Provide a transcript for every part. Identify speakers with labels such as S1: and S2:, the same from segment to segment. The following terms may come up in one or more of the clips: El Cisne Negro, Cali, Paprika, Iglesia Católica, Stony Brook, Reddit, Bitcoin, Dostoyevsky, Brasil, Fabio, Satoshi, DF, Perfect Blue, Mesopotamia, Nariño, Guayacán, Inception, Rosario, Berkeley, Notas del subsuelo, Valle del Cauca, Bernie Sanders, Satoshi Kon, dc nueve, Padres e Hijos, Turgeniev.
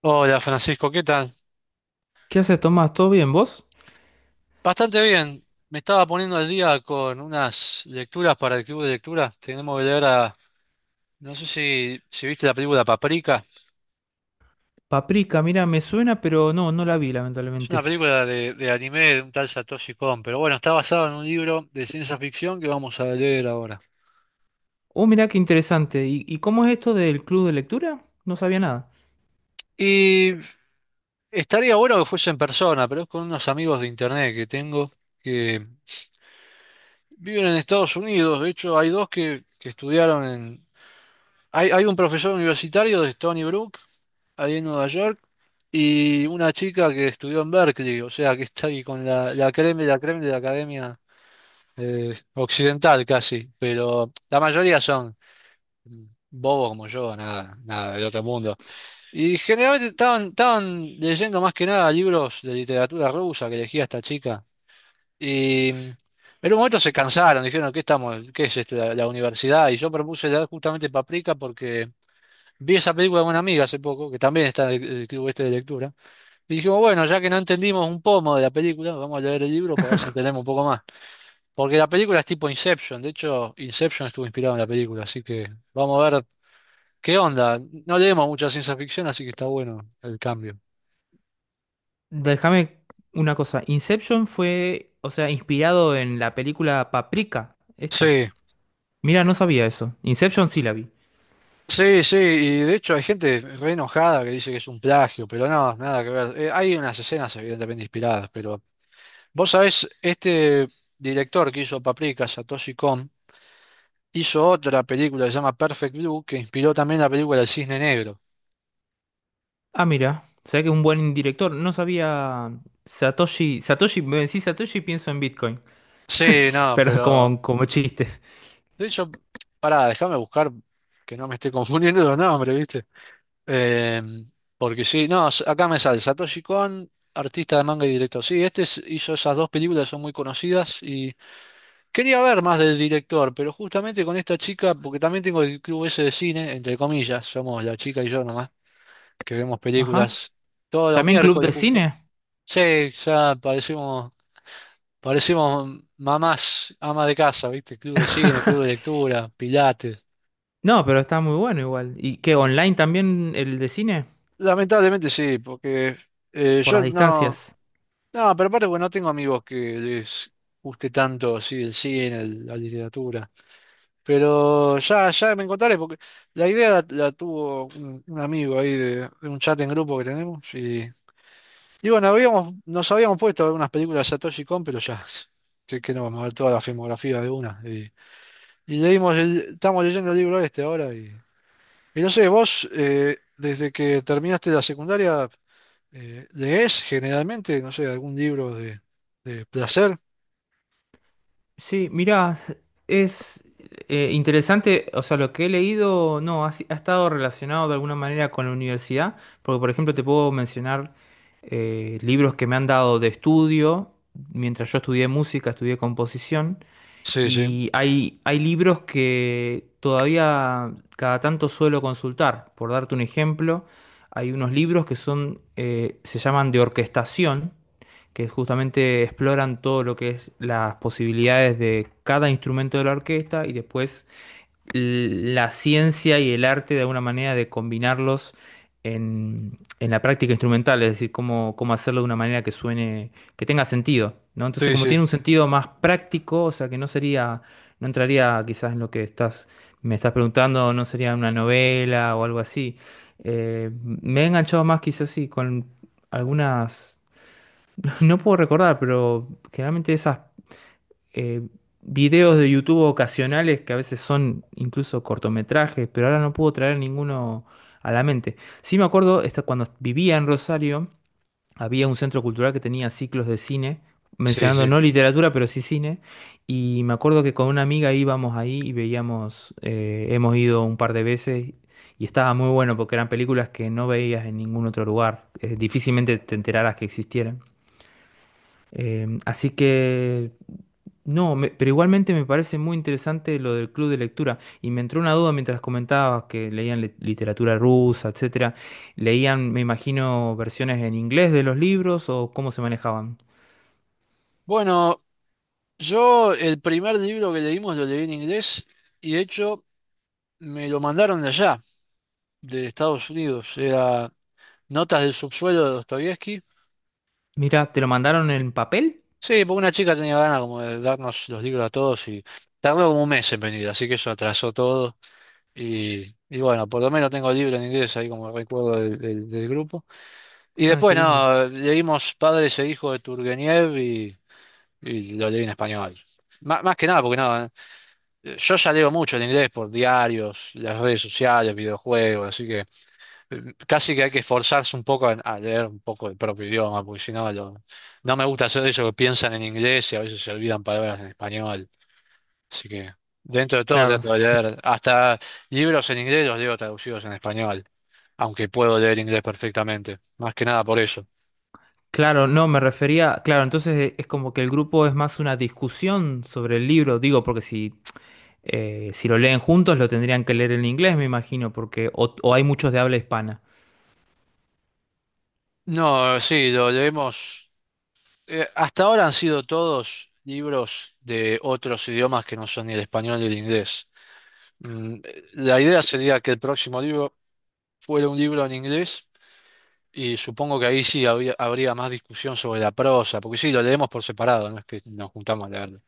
S1: Hola Francisco, ¿qué tal?
S2: ¿Qué haces, Tomás? ¿Todo bien, vos?
S1: Bastante bien. Me estaba poniendo al día con unas lecturas para el club de lectura. Tenemos que leer a... No sé si viste la película Paprika.
S2: Paprika, mira, me suena, pero no, no la vi,
S1: Es una
S2: lamentablemente.
S1: película de anime de un tal Satoshi Kon, pero bueno, está basado en un libro de ciencia ficción que vamos a leer ahora.
S2: Oh, mira qué interesante. ¿Y cómo es esto del club de lectura? No sabía nada.
S1: Y estaría bueno que fuese en persona, pero es con unos amigos de internet que tengo que viven en Estados Unidos. De hecho, hay dos que estudiaron en... Hay un profesor universitario de Stony Brook, ahí en Nueva York. Y una chica que estudió en Berkeley, o sea que está ahí con la creme, la creme de la academia occidental casi, pero la mayoría son bobos como yo, nada, nada del otro mundo. Y generalmente estaban leyendo más que nada libros de literatura rusa que elegía esta chica. Y en un momento se cansaron, dijeron, ¿qué estamos? ¿Qué es esto? La universidad. Y yo propuse leer justamente Paprika porque vi esa película de una amiga hace poco, que también está en el club este de lectura. Y dijimos, bueno, ya que no entendimos un pomo de la película, vamos a leer el libro para ver si entendemos un poco más. Porque la película es tipo Inception, de hecho, Inception estuvo inspirado en la película, así que vamos a ver qué onda. No leemos mucha ciencia ficción, así que está bueno el cambio.
S2: Déjame una cosa. Inception fue, o sea, inspirado en la película Paprika, esta.
S1: Sí,
S2: Mira, no sabía eso. Inception sí la vi.
S1: sí, sí, y de hecho hay gente re enojada que dice que es un plagio, pero no, nada que ver. Hay unas escenas evidentemente inspiradas, pero vos sabés, este director que hizo Paprika, Satoshi Kon, hizo otra película que se llama Perfect Blue, que inspiró también la película El Cisne Negro.
S2: Ah, mira, o sea que es un buen director. No sabía Satoshi. Satoshi, me decís Satoshi, y pienso en Bitcoin.
S1: Sí, no,
S2: Pero
S1: pero.
S2: como chiste.
S1: De hecho, pará, déjame buscar que no me esté confundiendo los nombres, ¿viste? Eh, Porque sí, no, s- acá me sale Satoshi Kon, artista de manga y director. Sí, este es- hizo esas dos películas, son muy conocidas y quería ver más del director, pero justamente con esta chica, porque también tengo el club ese de cine, entre comillas, somos la chica y yo nomás, que vemos
S2: Ajá.
S1: películas todos los
S2: ¿También club
S1: miércoles
S2: de
S1: justo.
S2: cine?
S1: Sí, ya parecemos. Parecimos mamás, amas de casa, ¿viste? Club de cine, club de lectura, pilates.
S2: No, pero está muy bueno igual. ¿Y qué, online también el de cine?
S1: Lamentablemente sí, porque
S2: Por
S1: yo
S2: las
S1: no...
S2: distancias.
S1: No, pero aparte porque no tengo amigos que les guste tanto así el cine, el- la literatura. Pero ya, ya me encontraré, porque la idea la tuvo un amigo ahí de un chat en grupo que tenemos. Y bueno, habíamos, nos habíamos puesto a ver unas películas de Satoshi Kon, pero ya, que no vamos a ver toda la filmografía de una. Y leímos el- estamos leyendo el libro este ahora y... Y no sé, vos, desde que terminaste la secundaria, ¿lees generalmente, no sé, algún libro de placer?
S2: Sí, mirá, es interesante, o sea, lo que he leído, no, ha, ha estado relacionado de alguna manera con la universidad, porque por ejemplo te puedo mencionar libros que me han dado de estudio, mientras yo estudié música, estudié composición.
S1: Sí, sí,
S2: Y hay libros que todavía cada tanto suelo consultar. Por darte un ejemplo, hay unos libros que son, se llaman de orquestación, que justamente exploran todo lo que es las posibilidades de cada instrumento de la orquesta y después la ciencia y el arte de alguna manera de combinarlos en la práctica instrumental, es decir, cómo hacerlo de una manera que suene, que tenga sentido, ¿no? Entonces,
S1: sí,
S2: como tiene
S1: sí,
S2: un sentido más práctico, o sea, que no sería, no entraría quizás en lo que estás, me estás preguntando, no sería una novela o algo así. Me he enganchado más quizás sí con algunas, no puedo recordar, pero generalmente esas eh, videos de YouTube ocasionales que a veces son incluso cortometrajes, pero ahora no puedo traer ninguno a la mente. Sí me acuerdo, cuando vivía en Rosario, había un centro cultural que tenía ciclos de cine,
S1: sí,
S2: mencionando
S1: sí.
S2: no literatura, pero sí cine, y me acuerdo que con una amiga íbamos ahí y veíamos, hemos ido un par de veces. Y estaba muy bueno porque eran películas que no veías en ningún otro lugar. Difícilmente te enteraras que existieran. Así que, no, pero igualmente me parece muy interesante lo del club de lectura. Y me entró una duda mientras comentabas que leían literatura rusa, etcétera. ¿Leían, me imagino, versiones en inglés de los libros o cómo se manejaban?
S1: Bueno, yo el primer libro que leímos lo leí en inglés y de hecho me lo mandaron de allá, de Estados Unidos. Era Notas del subsuelo de Dostoyevsky.
S2: Mira, ¿te lo mandaron en papel?
S1: Sí, porque una chica tenía ganas como de darnos los libros a todos y tardó como un mes en venir, así que eso atrasó todo. Y bueno, por lo menos tengo libro en inglés ahí como recuerdo del del grupo. Y
S2: Ah, qué
S1: después,
S2: lindo.
S1: no, leímos Padres e Hijos de Turgeniev y lo leí en español. Má- más que nada, porque no, yo ya leo mucho en inglés por diarios, las redes sociales, videojuegos, así que casi que hay que esforzarse un poco en- a leer un poco el propio idioma, porque si no, lo- no me gusta hacer eso que piensan en inglés y a veces se olvidan palabras en español. Así que dentro de todo
S2: Claro,
S1: trato de leer, hasta libros en inglés los leo traducidos en español aunque puedo leer inglés perfectamente, más que nada por eso.
S2: claro, no, me refería, claro, entonces, es como que el grupo es más una discusión sobre el libro, digo, porque si, si lo leen juntos lo tendrían que leer en inglés, me imagino, porque o hay muchos de habla hispana.
S1: No, sí, lo leemos. Hasta ahora han sido todos libros de otros idiomas que no son ni el español ni el inglés. La idea sería que el próximo libro fuera un libro en inglés y supongo que ahí sí habría más discusión sobre la prosa, porque sí, lo leemos por separado, no es que nos juntamos a leerlo.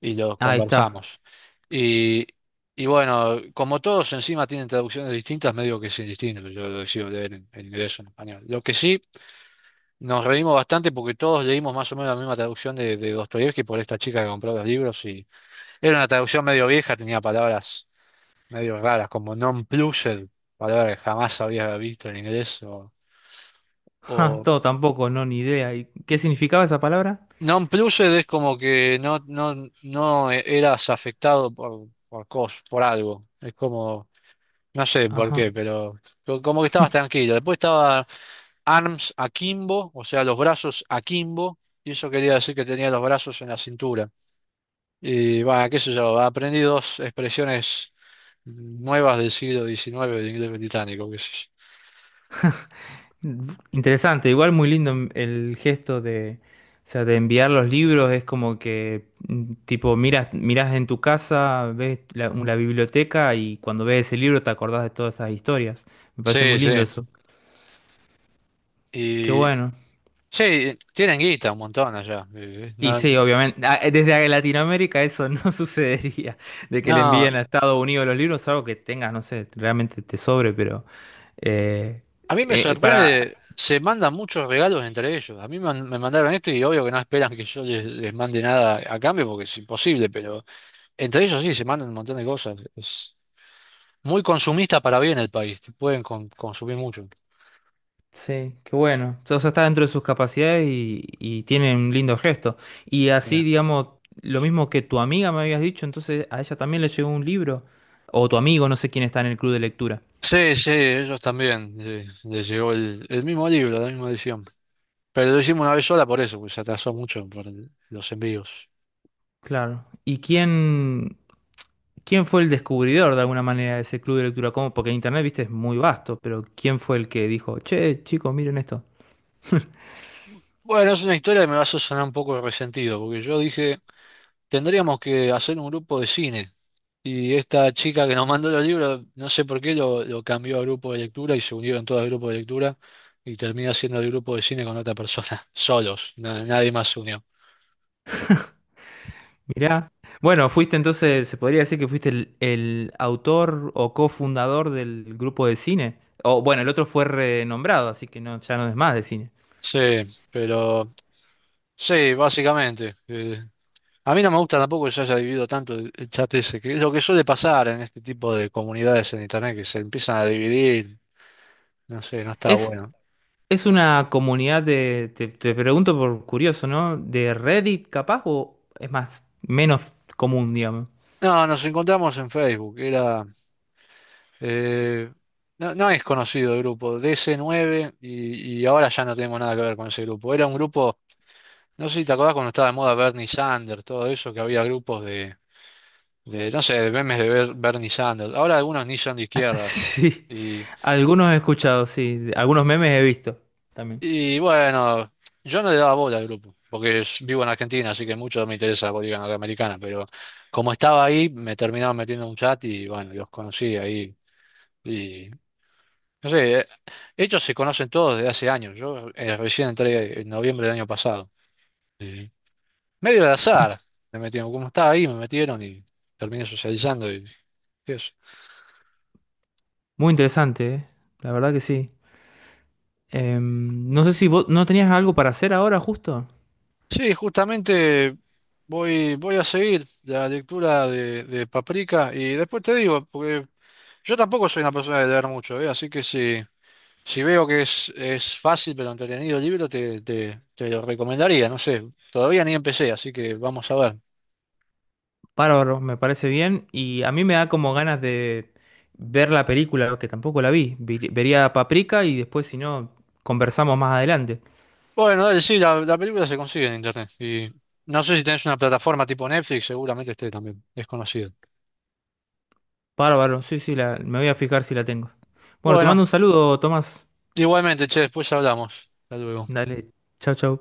S1: Y lo
S2: Ahí está.
S1: conversamos. Y, y bueno, como todos encima tienen traducciones distintas, medio que es indistinto, yo lo decido leer en inglés o en español. Lo que sí, nos reímos bastante porque todos leímos más o menos la misma traducción de Dostoyevsky por esta chica que compró los libros y era una traducción medio vieja, tenía palabras medio raras como non-plussed, palabra que jamás había visto en inglés,
S2: Ja,
S1: o
S2: todo tampoco, no, ni idea. ¿Y qué significaba esa palabra?
S1: non-plussed es como que no, no, no eras afectado por cos, por algo. Es como... No sé por qué,
S2: Ajá.
S1: pero co- como que estabas tranquilo. Después estaba arms akimbo, o sea, los brazos akimbo, y eso quería decir que tenía los brazos en la cintura. Y bueno, qué sé yo, aprendí dos expresiones nuevas del siglo XIX del inglés británico, qué sé yo.
S2: Interesante, igual muy lindo el gesto de, o sea, de enviar los libros, es como que mm, tipo miras en tu casa, ves la biblioteca y cuando ves ese libro te acordás de todas estas historias. Me parece
S1: Sí,
S2: muy
S1: sí.
S2: lindo eso. Qué
S1: Y
S2: bueno.
S1: sí, tienen guita un montón allá.
S2: Y
S1: No,
S2: sí, obviamente, ah, desde Latinoamérica eso no sucedería, de que le
S1: no,
S2: envíen a Estados Unidos los libros, algo que tengas, no sé, realmente te sobre, pero Eh,
S1: a mí me
S2: para,
S1: sorprende, se mandan muchos regalos entre ellos. A mí man- me mandaron esto y obvio que no esperan que yo les, les mande nada a cambio porque es imposible, pero entre ellos sí se mandan un montón de cosas. Es muy consumista para bien el país, te pueden con- consumir mucho.
S2: sí, qué bueno. O sea, está dentro de sus capacidades y tiene un lindo gesto. Y así,
S1: Mira.
S2: digamos, lo mismo que tu amiga me habías dicho, entonces a ella también le llegó un libro. O tu amigo, no sé quién está en el club de lectura.
S1: Sí, sí, ellos también les llegó el mismo libro, la misma edición. Pero lo hicimos una vez sola por eso, porque se atrasó mucho por el- los envíos.
S2: Claro. ¿Quién fue el descubridor de alguna manera de ese club de lectura? ¿Cómo? Porque Internet, viste, es muy vasto, pero ¿quién fue el que dijo, che, chicos, miren esto?
S1: Bueno, es una historia que me va a hacer sonar un poco resentido, porque yo dije, tendríamos que hacer un grupo de cine. Y esta chica que nos mandó los libros, no sé por qué, lo cambió a grupo de lectura y se unieron todos al grupo de lectura y termina siendo el grupo de cine con otra persona, solos, na- nadie más se unió.
S2: Mirá. Bueno, fuiste entonces, se podría decir que fuiste el autor o cofundador del grupo de cine. O bueno, el otro fue renombrado, así que no, ya no es más de cine.
S1: Sí, pero sí, básicamente. A mí no me gusta tampoco que se haya dividido tanto el chat ese, que es lo que suele pasar en este tipo de comunidades en internet, que se empiezan a dividir, no sé, no está
S2: Es,
S1: bueno.
S2: es una comunidad de, te pregunto por curioso, ¿no? ¿De Reddit capaz o es más, menos común, digamos?
S1: No, nos encontramos en Facebook, era... Eh, no, no es conocido el grupo, dc nueve y ahora ya no tenemos nada que ver con ese grupo. Era un grupo, no sé si te acordás cuando estaba de moda Bernie Sanders, todo eso, que había grupos no sé, de memes de Ber- Bernie Sanders. Ahora algunos ni son de izquierda.
S2: Sí,
S1: Y,
S2: algunos he escuchado, sí, algunos memes he visto también.
S1: y bueno, yo no le daba bola al grupo, porque es- vivo en Argentina, así que mucho no me interesa la política norteamericana, pero como estaba ahí, me terminaron metiendo en un chat y bueno, los conocí ahí. Y no sé, ellos se conocen todos desde hace años. Yo recién entré en noviembre del año pasado. Y medio al azar me metieron. Como estaba ahí, me metieron y terminé socializando y eso.
S2: Muy interesante, ¿eh? La verdad que sí. No sé si vos no tenías algo para hacer ahora justo.
S1: Sí, justamente voy a seguir la lectura de Paprika y después te digo, porque yo tampoco soy una persona de leer mucho, ¿eh? Así que si, si veo que es fácil pero entretenido el libro, te lo recomendaría. No sé, todavía ni empecé, así que vamos a ver.
S2: Bárbaro, me parece bien. Y a mí me da como ganas de ver la película, que tampoco la vi. Vería Paprika y después, si no, conversamos más adelante.
S1: Bueno, dale, sí, la película se consigue en internet. Y no sé si tenés una plataforma tipo Netflix, seguramente esté también. Es conocida.
S2: Bárbaro, sí, sí, la, me voy a fijar si la tengo. Bueno, te
S1: Bueno,
S2: mando un saludo, Tomás.
S1: igualmente, che, después hablamos. Hasta luego.
S2: Dale, chau, chau.